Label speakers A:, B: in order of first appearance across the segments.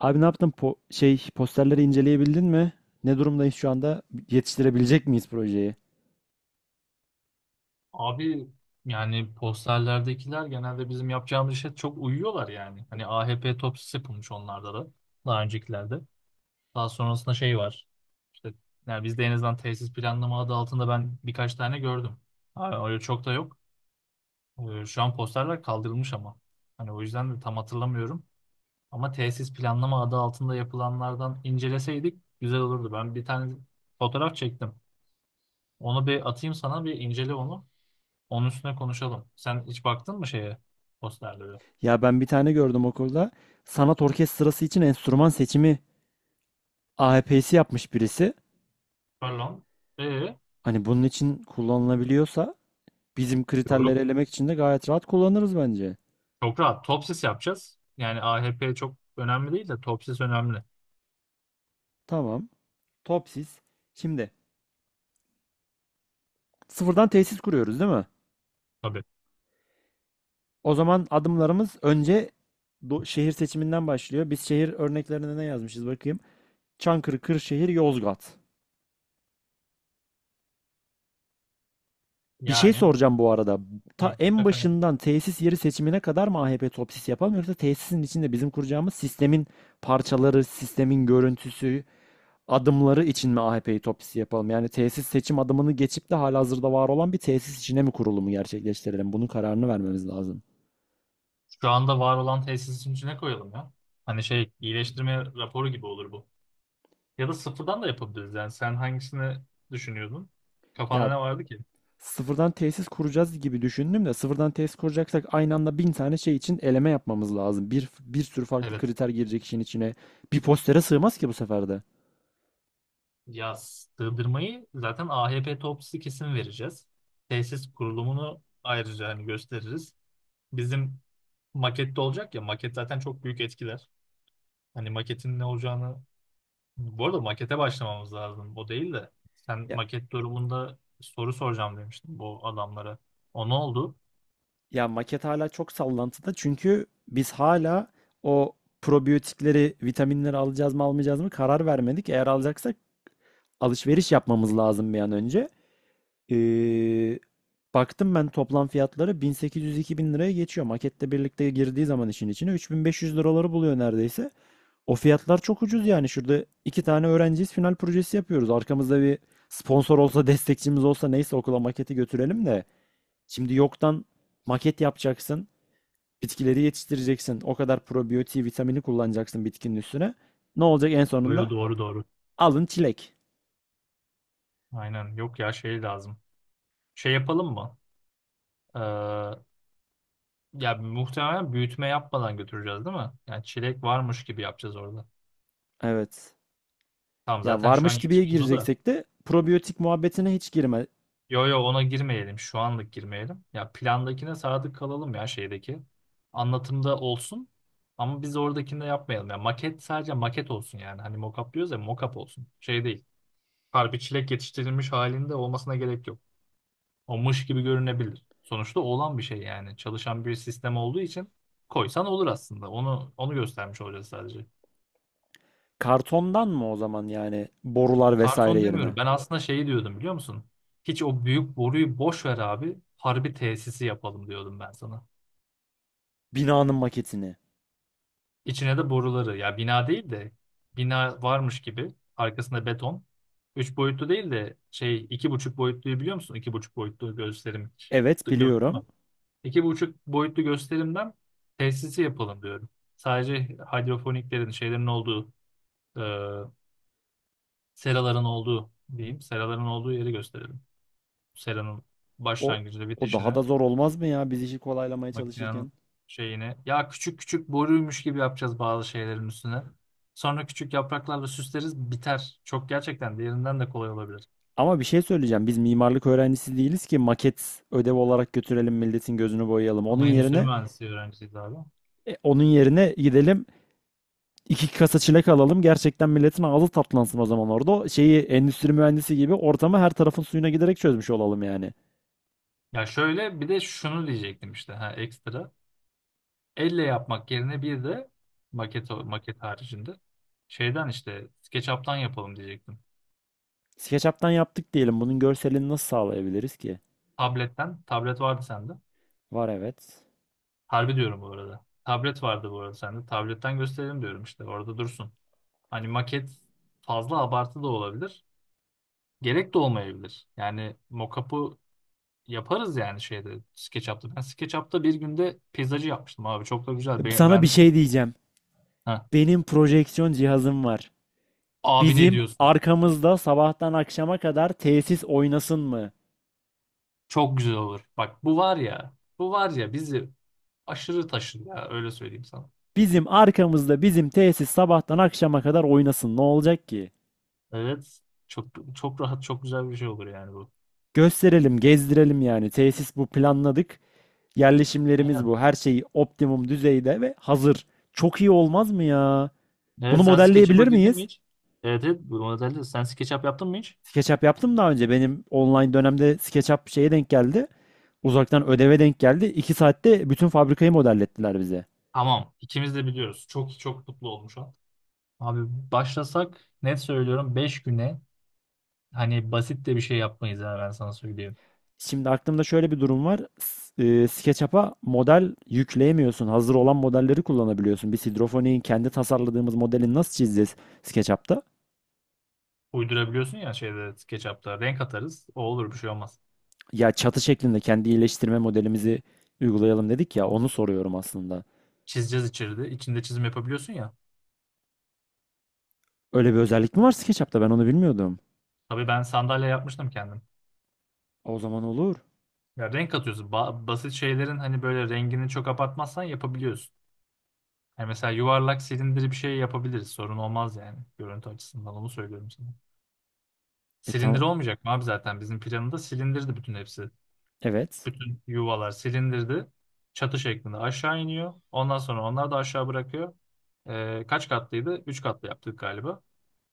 A: Abi ne yaptın? Posterleri inceleyebildin mi? Ne durumdayız şu anda? Yetiştirebilecek miyiz projeyi?
B: Abi yani posterlerdekiler genelde bizim yapacağımız işe çok uyuyorlar yani. Hani AHP topsisi yapılmış onlarda da daha öncekilerde. Daha sonrasında şey var. İşte yani bizde en azından tesis planlama adı altında ben birkaç tane gördüm. Ha, öyle çok da yok. Şu an posterler kaldırılmış ama. Hani o yüzden de tam hatırlamıyorum. Ama tesis planlama adı altında yapılanlardan inceleseydik güzel olurdu. Ben bir tane fotoğraf çektim. Onu bir atayım sana, bir incele onu. Onun üstüne konuşalım. Sen hiç baktın mı şeye, posterlere?
A: Ya ben bir tane gördüm okulda. Sanat orkestrası için enstrüman seçimi AEP'si yapmış birisi.
B: Pardon. Yok,
A: Hani bunun için kullanılabiliyorsa bizim kriterleri
B: yok.
A: elemek için de gayet rahat kullanırız bence.
B: Çok rahat. Topsis yapacağız. Yani AHP çok önemli değil de topsis önemli.
A: Tamam. Topsis. Şimdi sıfırdan tesis kuruyoruz değil mi?
B: Tabii.
A: O zaman adımlarımız önce şehir seçiminden başlıyor. Biz şehir örneklerine ne yazmışız bakayım. Çankırı, Kırşehir, Yozgat. Bir şey
B: Yani
A: soracağım bu arada.
B: hı,
A: Ta en
B: efendim,
A: başından tesis yeri seçimine kadar mı AHP Topsis yapalım yoksa tesisin içinde bizim kuracağımız sistemin parçaları, sistemin görüntüsü, adımları için mi AHP'yi Topsis yapalım? Yani tesis seçim adımını geçip de halihazırda var olan bir tesis içine mi kurulumu gerçekleştirelim? Bunun kararını vermemiz lazım.
B: şu anda var olan tesisin içine koyalım ya. Hani şey, iyileştirme raporu gibi olur bu. Ya da sıfırdan da yapabiliriz. Yani sen hangisini düşünüyordun? Kafanda
A: Ya
B: ne vardı ki?
A: sıfırdan tesis kuracağız gibi düşündüm de sıfırdan tesis kuracaksak aynı anda bin tane şey için eleme yapmamız lazım. Bir sürü farklı
B: Evet.
A: kriter girecek işin içine. Bir postere sığmaz ki bu sefer de.
B: Ya sığdırmayı zaten AHP topsisi kesin vereceğiz. Tesis kurulumunu ayrıca hani gösteririz. Bizim makette olacak ya, maket zaten çok büyük etkiler. Hani maketin ne olacağını, bu arada makete başlamamız lazım. O değil de sen
A: Ya,
B: maket durumunda soru soracağım demiştin bu adamlara. O ne oldu?
A: ya maket hala çok sallantıda çünkü biz hala o probiyotikleri, vitaminleri alacağız mı almayacağız mı karar vermedik. Eğer alacaksak alışveriş yapmamız lazım bir an önce. Ee, Baktım ben toplam fiyatları 1800-2000 liraya geçiyor. Maketle birlikte girdiği zaman işin içine 3500 liraları buluyor neredeyse. O fiyatlar çok ucuz yani. Şurada iki tane öğrenciyiz final projesi yapıyoruz. Arkamızda bir sponsor olsa destekçimiz olsa neyse okula maketi götürelim de. Şimdi yoktan maket yapacaksın. Bitkileri yetiştireceksin. O kadar probiyotiği vitamini kullanacaksın bitkinin üstüne. Ne olacak en
B: Yo, yo,
A: sonunda?
B: doğru doğru.
A: Alın çilek.
B: Aynen, yok ya, şey lazım. Şey yapalım mı? Ee, ya muhtemelen büyütme yapmadan götüreceğiz değil mi? Yani çilek varmış gibi yapacağız orada.
A: Evet.
B: Tamam,
A: Ya
B: zaten şu an
A: varmış gibiye
B: yetişmez o da.
A: gireceksek de probiyotik muhabbetine hiç girme.
B: Yo yo, ona girmeyelim. Şu anlık girmeyelim. Ya plandakine sadık kalalım, ya şeydeki. Anlatımda olsun. Ama biz oradakini de yapmayalım. Ya maket sadece maket olsun yani. Hani mock-up diyoruz ya, mock-up olsun. Şey değil. Harbi çilek yetiştirilmiş halinde olmasına gerek yok. O mış gibi görünebilir. Sonuçta olan bir şey yani. Çalışan bir sistem olduğu için koysan olur aslında. Onu göstermiş olacağız sadece.
A: Kartondan mı o zaman yani borular vesaire
B: Karton
A: yerine?
B: demiyorum. Ben aslında şeyi diyordum, biliyor musun? Hiç o büyük boruyu boş ver abi. Harbi tesisi yapalım diyordum ben sana.
A: Binanın maketini.
B: İçine de boruları. Ya bina değil de bina varmış gibi. Arkasında beton. Üç boyutlu değil de şey, iki buçuk boyutluyu biliyor musun? İki buçuk boyutlu gösterim.
A: Evet
B: Gördün mü?
A: biliyorum.
B: İki buçuk boyutlu gösterimden tesisi yapalım diyorum. Sadece hidrofoniklerin, şeylerin olduğu e, seraların olduğu diyeyim. Seraların olduğu yeri gösterelim. Seranın
A: O
B: başlangıcı ve
A: o daha
B: bitişine.
A: da zor olmaz mı ya biz işi kolaylamaya
B: Makinenin
A: çalışırken?
B: şeyini. Ya küçük küçük boruymuş gibi yapacağız bazı şeylerin üstüne. Sonra küçük yapraklarla süsleriz, biter. Çok gerçekten, diğerinden de kolay olabilir.
A: Ama bir şey söyleyeceğim. Biz mimarlık öğrencisi değiliz ki maket ödev olarak götürelim milletin gözünü boyayalım. Onun
B: Ama aynen, endüstri
A: yerine
B: mühendisliği öğrencisiyiz abi.
A: onun yerine gidelim iki kasa çilek alalım. Gerçekten milletin ağzı tatlansın o zaman orada. Şeyi endüstri mühendisi gibi ortamı her tarafın suyuna giderek çözmüş olalım yani.
B: Ya şöyle bir de şunu diyecektim işte, ha, ekstra. Elle yapmak yerine bir de maket haricinde şeyden işte SketchUp'tan yapalım diyecektim.
A: SketchUp'tan yaptık diyelim. Bunun görselini nasıl sağlayabiliriz ki?
B: Tabletten. Tablet vardı sende.
A: Var evet.
B: Harbi diyorum bu arada. Tablet vardı bu arada sende. Tabletten gösterelim diyorum işte. Orada dursun. Hani maket fazla abartı da olabilir. Gerek de olmayabilir. Yani mockup'ı yaparız yani şeyde, SketchUp'ta. Ben SketchUp'ta bir günde peyzajı yapmıştım abi. Çok da güzel. Be
A: Sana bir
B: beğenmiş de
A: şey
B: oldum.
A: diyeceğim.
B: Heh.
A: Benim projeksiyon cihazım var.
B: Abi ne
A: Bizim
B: diyorsun?
A: arkamızda sabahtan akşama kadar tesis oynasın mı?
B: Çok güzel olur. Bak bu var ya. Bu var ya bizi aşırı taşır ya. Öyle söyleyeyim sana.
A: Bizim arkamızda bizim tesis sabahtan akşama kadar oynasın. Ne olacak ki?
B: Evet. Çok çok rahat, çok güzel bir şey olur yani bu.
A: Gösterelim, gezdirelim yani. Tesis bu planladık. Yerleşimlerimiz
B: Aynen.
A: bu. Her şey optimum düzeyde ve hazır. Çok iyi olmaz mı ya? Bunu
B: Evet, sen SketchUp'a
A: modelleyebilir
B: girdin mi
A: miyiz?
B: hiç? Evet, evet, bu modelde sen SketchUp yaptın mı hiç?
A: SketchUp yaptım daha önce. Benim online dönemde SketchUp şeye denk geldi. Uzaktan ödeve denk geldi. 2 saatte bütün fabrikayı modellettiler bize.
B: Tamam. İkimiz de biliyoruz. Çok çok mutlu olmuş. Abi, başlasak net söylüyorum, 5 güne hani basit de bir şey yapmayız ha, ben sana söyleyeyim.
A: Şimdi aklımda şöyle bir durum var. SketchUp'a model yükleyemiyorsun. Hazır olan modelleri kullanabiliyorsun. Biz hidrofoniğin kendi tasarladığımız modelini nasıl çizeceğiz SketchUp'ta?
B: Uydurabiliyorsun ya şeyde, SketchUp'ta renk atarız, o olur, bir şey olmaz.
A: Ya çatı şeklinde kendi iyileştirme modelimizi uygulayalım dedik ya
B: Tamam.
A: onu soruyorum aslında.
B: Çizeceğiz içeride, içinde çizim yapabiliyorsun ya.
A: Öyle bir özellik mi var SketchUp'ta? Ben onu bilmiyordum.
B: Tabii, ben sandalye yapmıştım kendim.
A: O zaman olur.
B: Ya renk atıyorsun, basit şeylerin hani böyle rengini çok abartmazsan yapabiliyorsun. Yani mesela yuvarlak silindiri bir şey yapabiliriz, sorun olmaz yani görüntü açısından, onu söylüyorum sana.
A: E
B: Silindir
A: tamam.
B: olmayacak mı abi, zaten bizim planında silindirdi bütün hepsi.
A: Evet.
B: Bütün yuvalar silindirdi. Çatı şeklinde aşağı iniyor. Ondan sonra onlar da aşağı bırakıyor. Kaç katlıydı? Üç katlı yaptık galiba.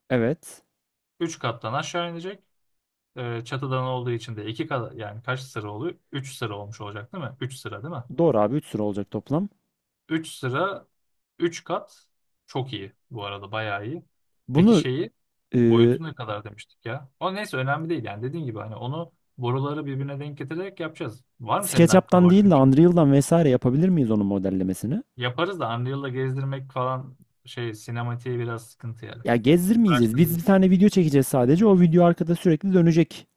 A: Evet.
B: Üç kattan aşağı inecek. Çatıdan olduğu için de iki kat, yani kaç sıra oluyor? Üç sıra olmuş olacak değil mi? Üç sıra değil mi?
A: Doğru abi 3 sıra olacak toplam.
B: Üç sıra, üç kat, çok iyi bu arada, bayağı iyi. Peki
A: Bunu
B: şeyi,
A: e,
B: boyutu ne kadar demiştik ya? O neyse önemli değil yani, dediğin gibi hani onu boruları birbirine denk getirerek yapacağız. Var mı senin aklında
A: SketchUp'tan
B: başka
A: değil
B: bir
A: de
B: şey?
A: Unreal'dan vesaire yapabilir miyiz onun modellemesini?
B: Yaparız da Unreal'la gezdirmek falan şey, sinematiğe biraz sıkıntı yani.
A: Ya gezdirmeyeceğiz. Biz
B: Uğraştırır.
A: bir tane video çekeceğiz sadece. O video arkada sürekli dönecek.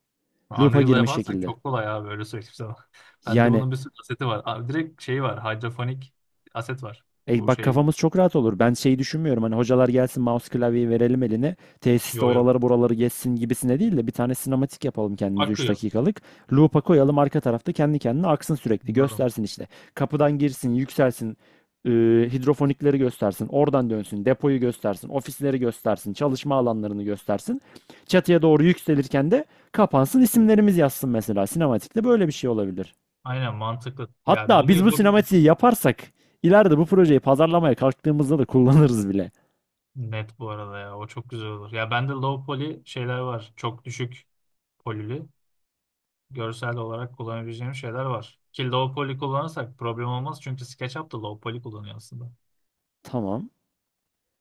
A: Loop'a
B: Unreal'la
A: girmiş
B: yaparsak
A: şekilde.
B: çok kolay abi, öyle söyleyeyim sana. Bende
A: Yani
B: bunun bir sürü aseti var. Abi direkt şey var, hidrofonik aset var.
A: E
B: Bu
A: bak
B: şey,
A: kafamız çok rahat olur. Ben şeyi düşünmüyorum. Hani hocalar gelsin mouse klavyeyi verelim eline. Tesiste
B: yo yo,
A: oraları buraları geçsin gibisine değil de bir tane sinematik yapalım kendimize 3
B: akıyor.
A: dakikalık. Loop'a koyalım arka tarafta kendi kendine aksın sürekli.
B: Anladım.
A: Göstersin işte. Kapıdan girsin, yükselsin. e, Hidrofonikleri göstersin. Oradan dönsün. Depoyu göstersin. Ofisleri göstersin. Çalışma alanlarını göstersin. Çatıya doğru yükselirken de kapansın. İsimlerimiz yazsın mesela. Sinematikte böyle bir şey olabilir.
B: Aynen, mantıklı. Ya
A: Hatta
B: bunu
A: biz bu
B: yapabiliriz.
A: sinematiği yaparsak ileride bu projeyi pazarlamaya kalktığımızda da kullanırız bile.
B: Net bu arada ya, o çok güzel olur. Ya bende low poly şeyler var. Çok düşük polili. Görsel olarak kullanabileceğim şeyler var. Ki low poly kullanırsak problem olmaz çünkü SketchUp da low poly kullanıyor aslında.
A: Tamam.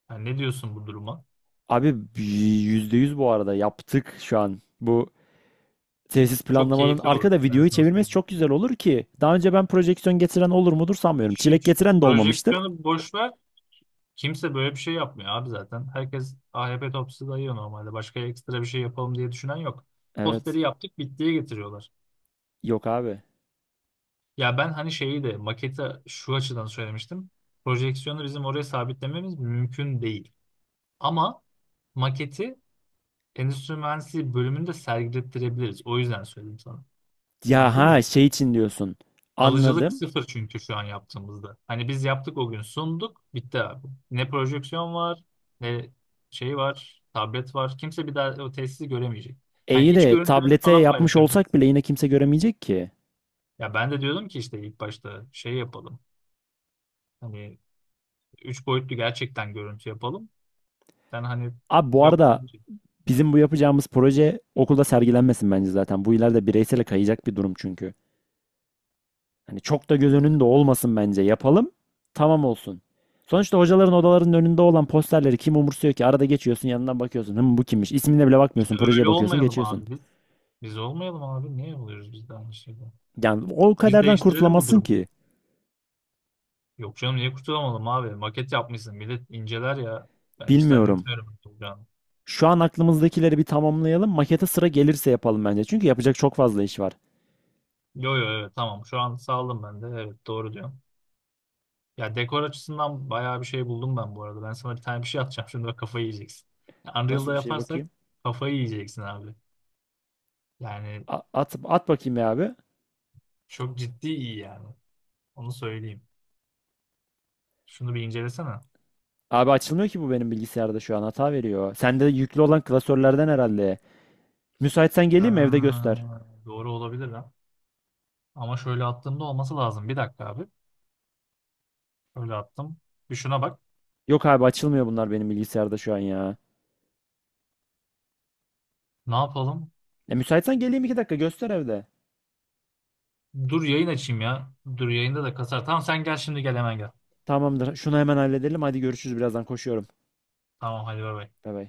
B: Yani ne diyorsun bu duruma?
A: Abi %100 bu arada yaptık şu an. Bu tesis
B: Çok
A: planlamanın
B: keyifli olur.
A: arkada
B: Ben
A: videoyu
B: sana
A: çevirmesi
B: söyleyeyim.
A: çok güzel olur ki. Daha önce ben projeksiyon getiren olur mudur sanmıyorum. Çilek
B: Hiç.
A: getiren de olmamıştır.
B: Projeksiyonu boş ver. Kimse böyle bir şey yapmıyor abi zaten. Herkes AHP topçusu dayıyor normalde. Başka ekstra bir şey yapalım diye düşünen yok.
A: Evet.
B: Posteri yaptık, bittiye getiriyorlar.
A: Yok abi.
B: Ya ben hani şeyi de, maketi şu açıdan söylemiştim. Projeksiyonu bizim oraya sabitlememiz mümkün değil. Ama maketi endüstri mühendisliği bölümünde sergilettirebiliriz. O yüzden söyledim sana.
A: Ya
B: Anladın mı?
A: ha şey için diyorsun.
B: Kalıcılık
A: Anladım.
B: sıfır çünkü şu an yaptığımızda. Hani biz yaptık o gün, sunduk, bitti abi. Ne projeksiyon var, ne şey var, tablet var. Kimse bir daha o tesisi göremeyecek. Hani
A: İyi
B: iç
A: de
B: görüntülerini
A: tablete
B: falan
A: yapmış
B: paylaşabiliriz.
A: olsak bile yine kimse göremeyecek ki.
B: Ya ben de diyordum ki işte, ilk başta şey yapalım. Hani üç boyutlu gerçekten görüntü yapalım. Sen hani,
A: Abi bu
B: yok
A: arada bizim bu yapacağımız proje okulda sergilenmesin bence zaten. Bu ileride bireysele kayacak bir durum çünkü. Hani çok da göz önünde olmasın bence. Yapalım, tamam olsun. Sonuçta hocaların odalarının önünde olan posterleri kim umursuyor ki? Arada geçiyorsun, yanından bakıyorsun. Hım bu kimmiş? İsmine bile
B: işte,
A: bakmıyorsun, projeye
B: öyle
A: bakıyorsun,
B: olmayalım
A: geçiyorsun.
B: abi biz. Biz olmayalım abi. Niye oluyoruz biz de aynı şeyden?
A: Yani o
B: Biz
A: kaderden
B: değiştirelim bu
A: kurtulamazsın
B: durumu.
A: ki.
B: Yok canım, niye kurtulamadım abi? Maket yapmışsın. Millet inceler ya. Ben hiç
A: Bilmiyorum.
B: zannetmiyorum olacağını.
A: Şu an aklımızdakileri bir tamamlayalım. Makete sıra gelirse yapalım bence. Çünkü yapacak çok fazla iş var.
B: Yo yo, evet, tamam. Şu an sağladım ben de. Evet, doğru diyorum. Ya dekor açısından bayağı bir şey buldum ben bu arada. Ben sana bir tane bir şey atacağım. Şimdi bak, kafayı yiyeceksin. Ya,
A: Nasıl
B: Unreal'da
A: bir şey
B: yaparsak
A: bakayım?
B: kafayı yiyeceksin abi. Yani
A: At, at bakayım ya abi.
B: çok ciddi iyi yani. Onu söyleyeyim. Şunu bir incelesene.
A: Abi açılmıyor ki bu benim bilgisayarda şu an hata veriyor. Sende yüklü olan klasörlerden herhalde. Müsaitsen
B: Ha,
A: geleyim mi evde göster.
B: doğru olabilir ha. Ama şöyle attığımda olması lazım. Bir dakika abi. Şöyle attım. Bir şuna bak.
A: Yok abi açılmıyor bunlar benim bilgisayarda şu an ya.
B: Ne yapalım?
A: Müsaitsen geleyim 2 dakika göster evde.
B: Dur yayın açayım ya. Dur yayında da kasar. Tamam, sen gel şimdi, gel hemen gel.
A: Tamamdır. Şunu hemen halledelim. Hadi görüşürüz birazdan koşuyorum.
B: Tamam hadi, bay bay.
A: Bay bay.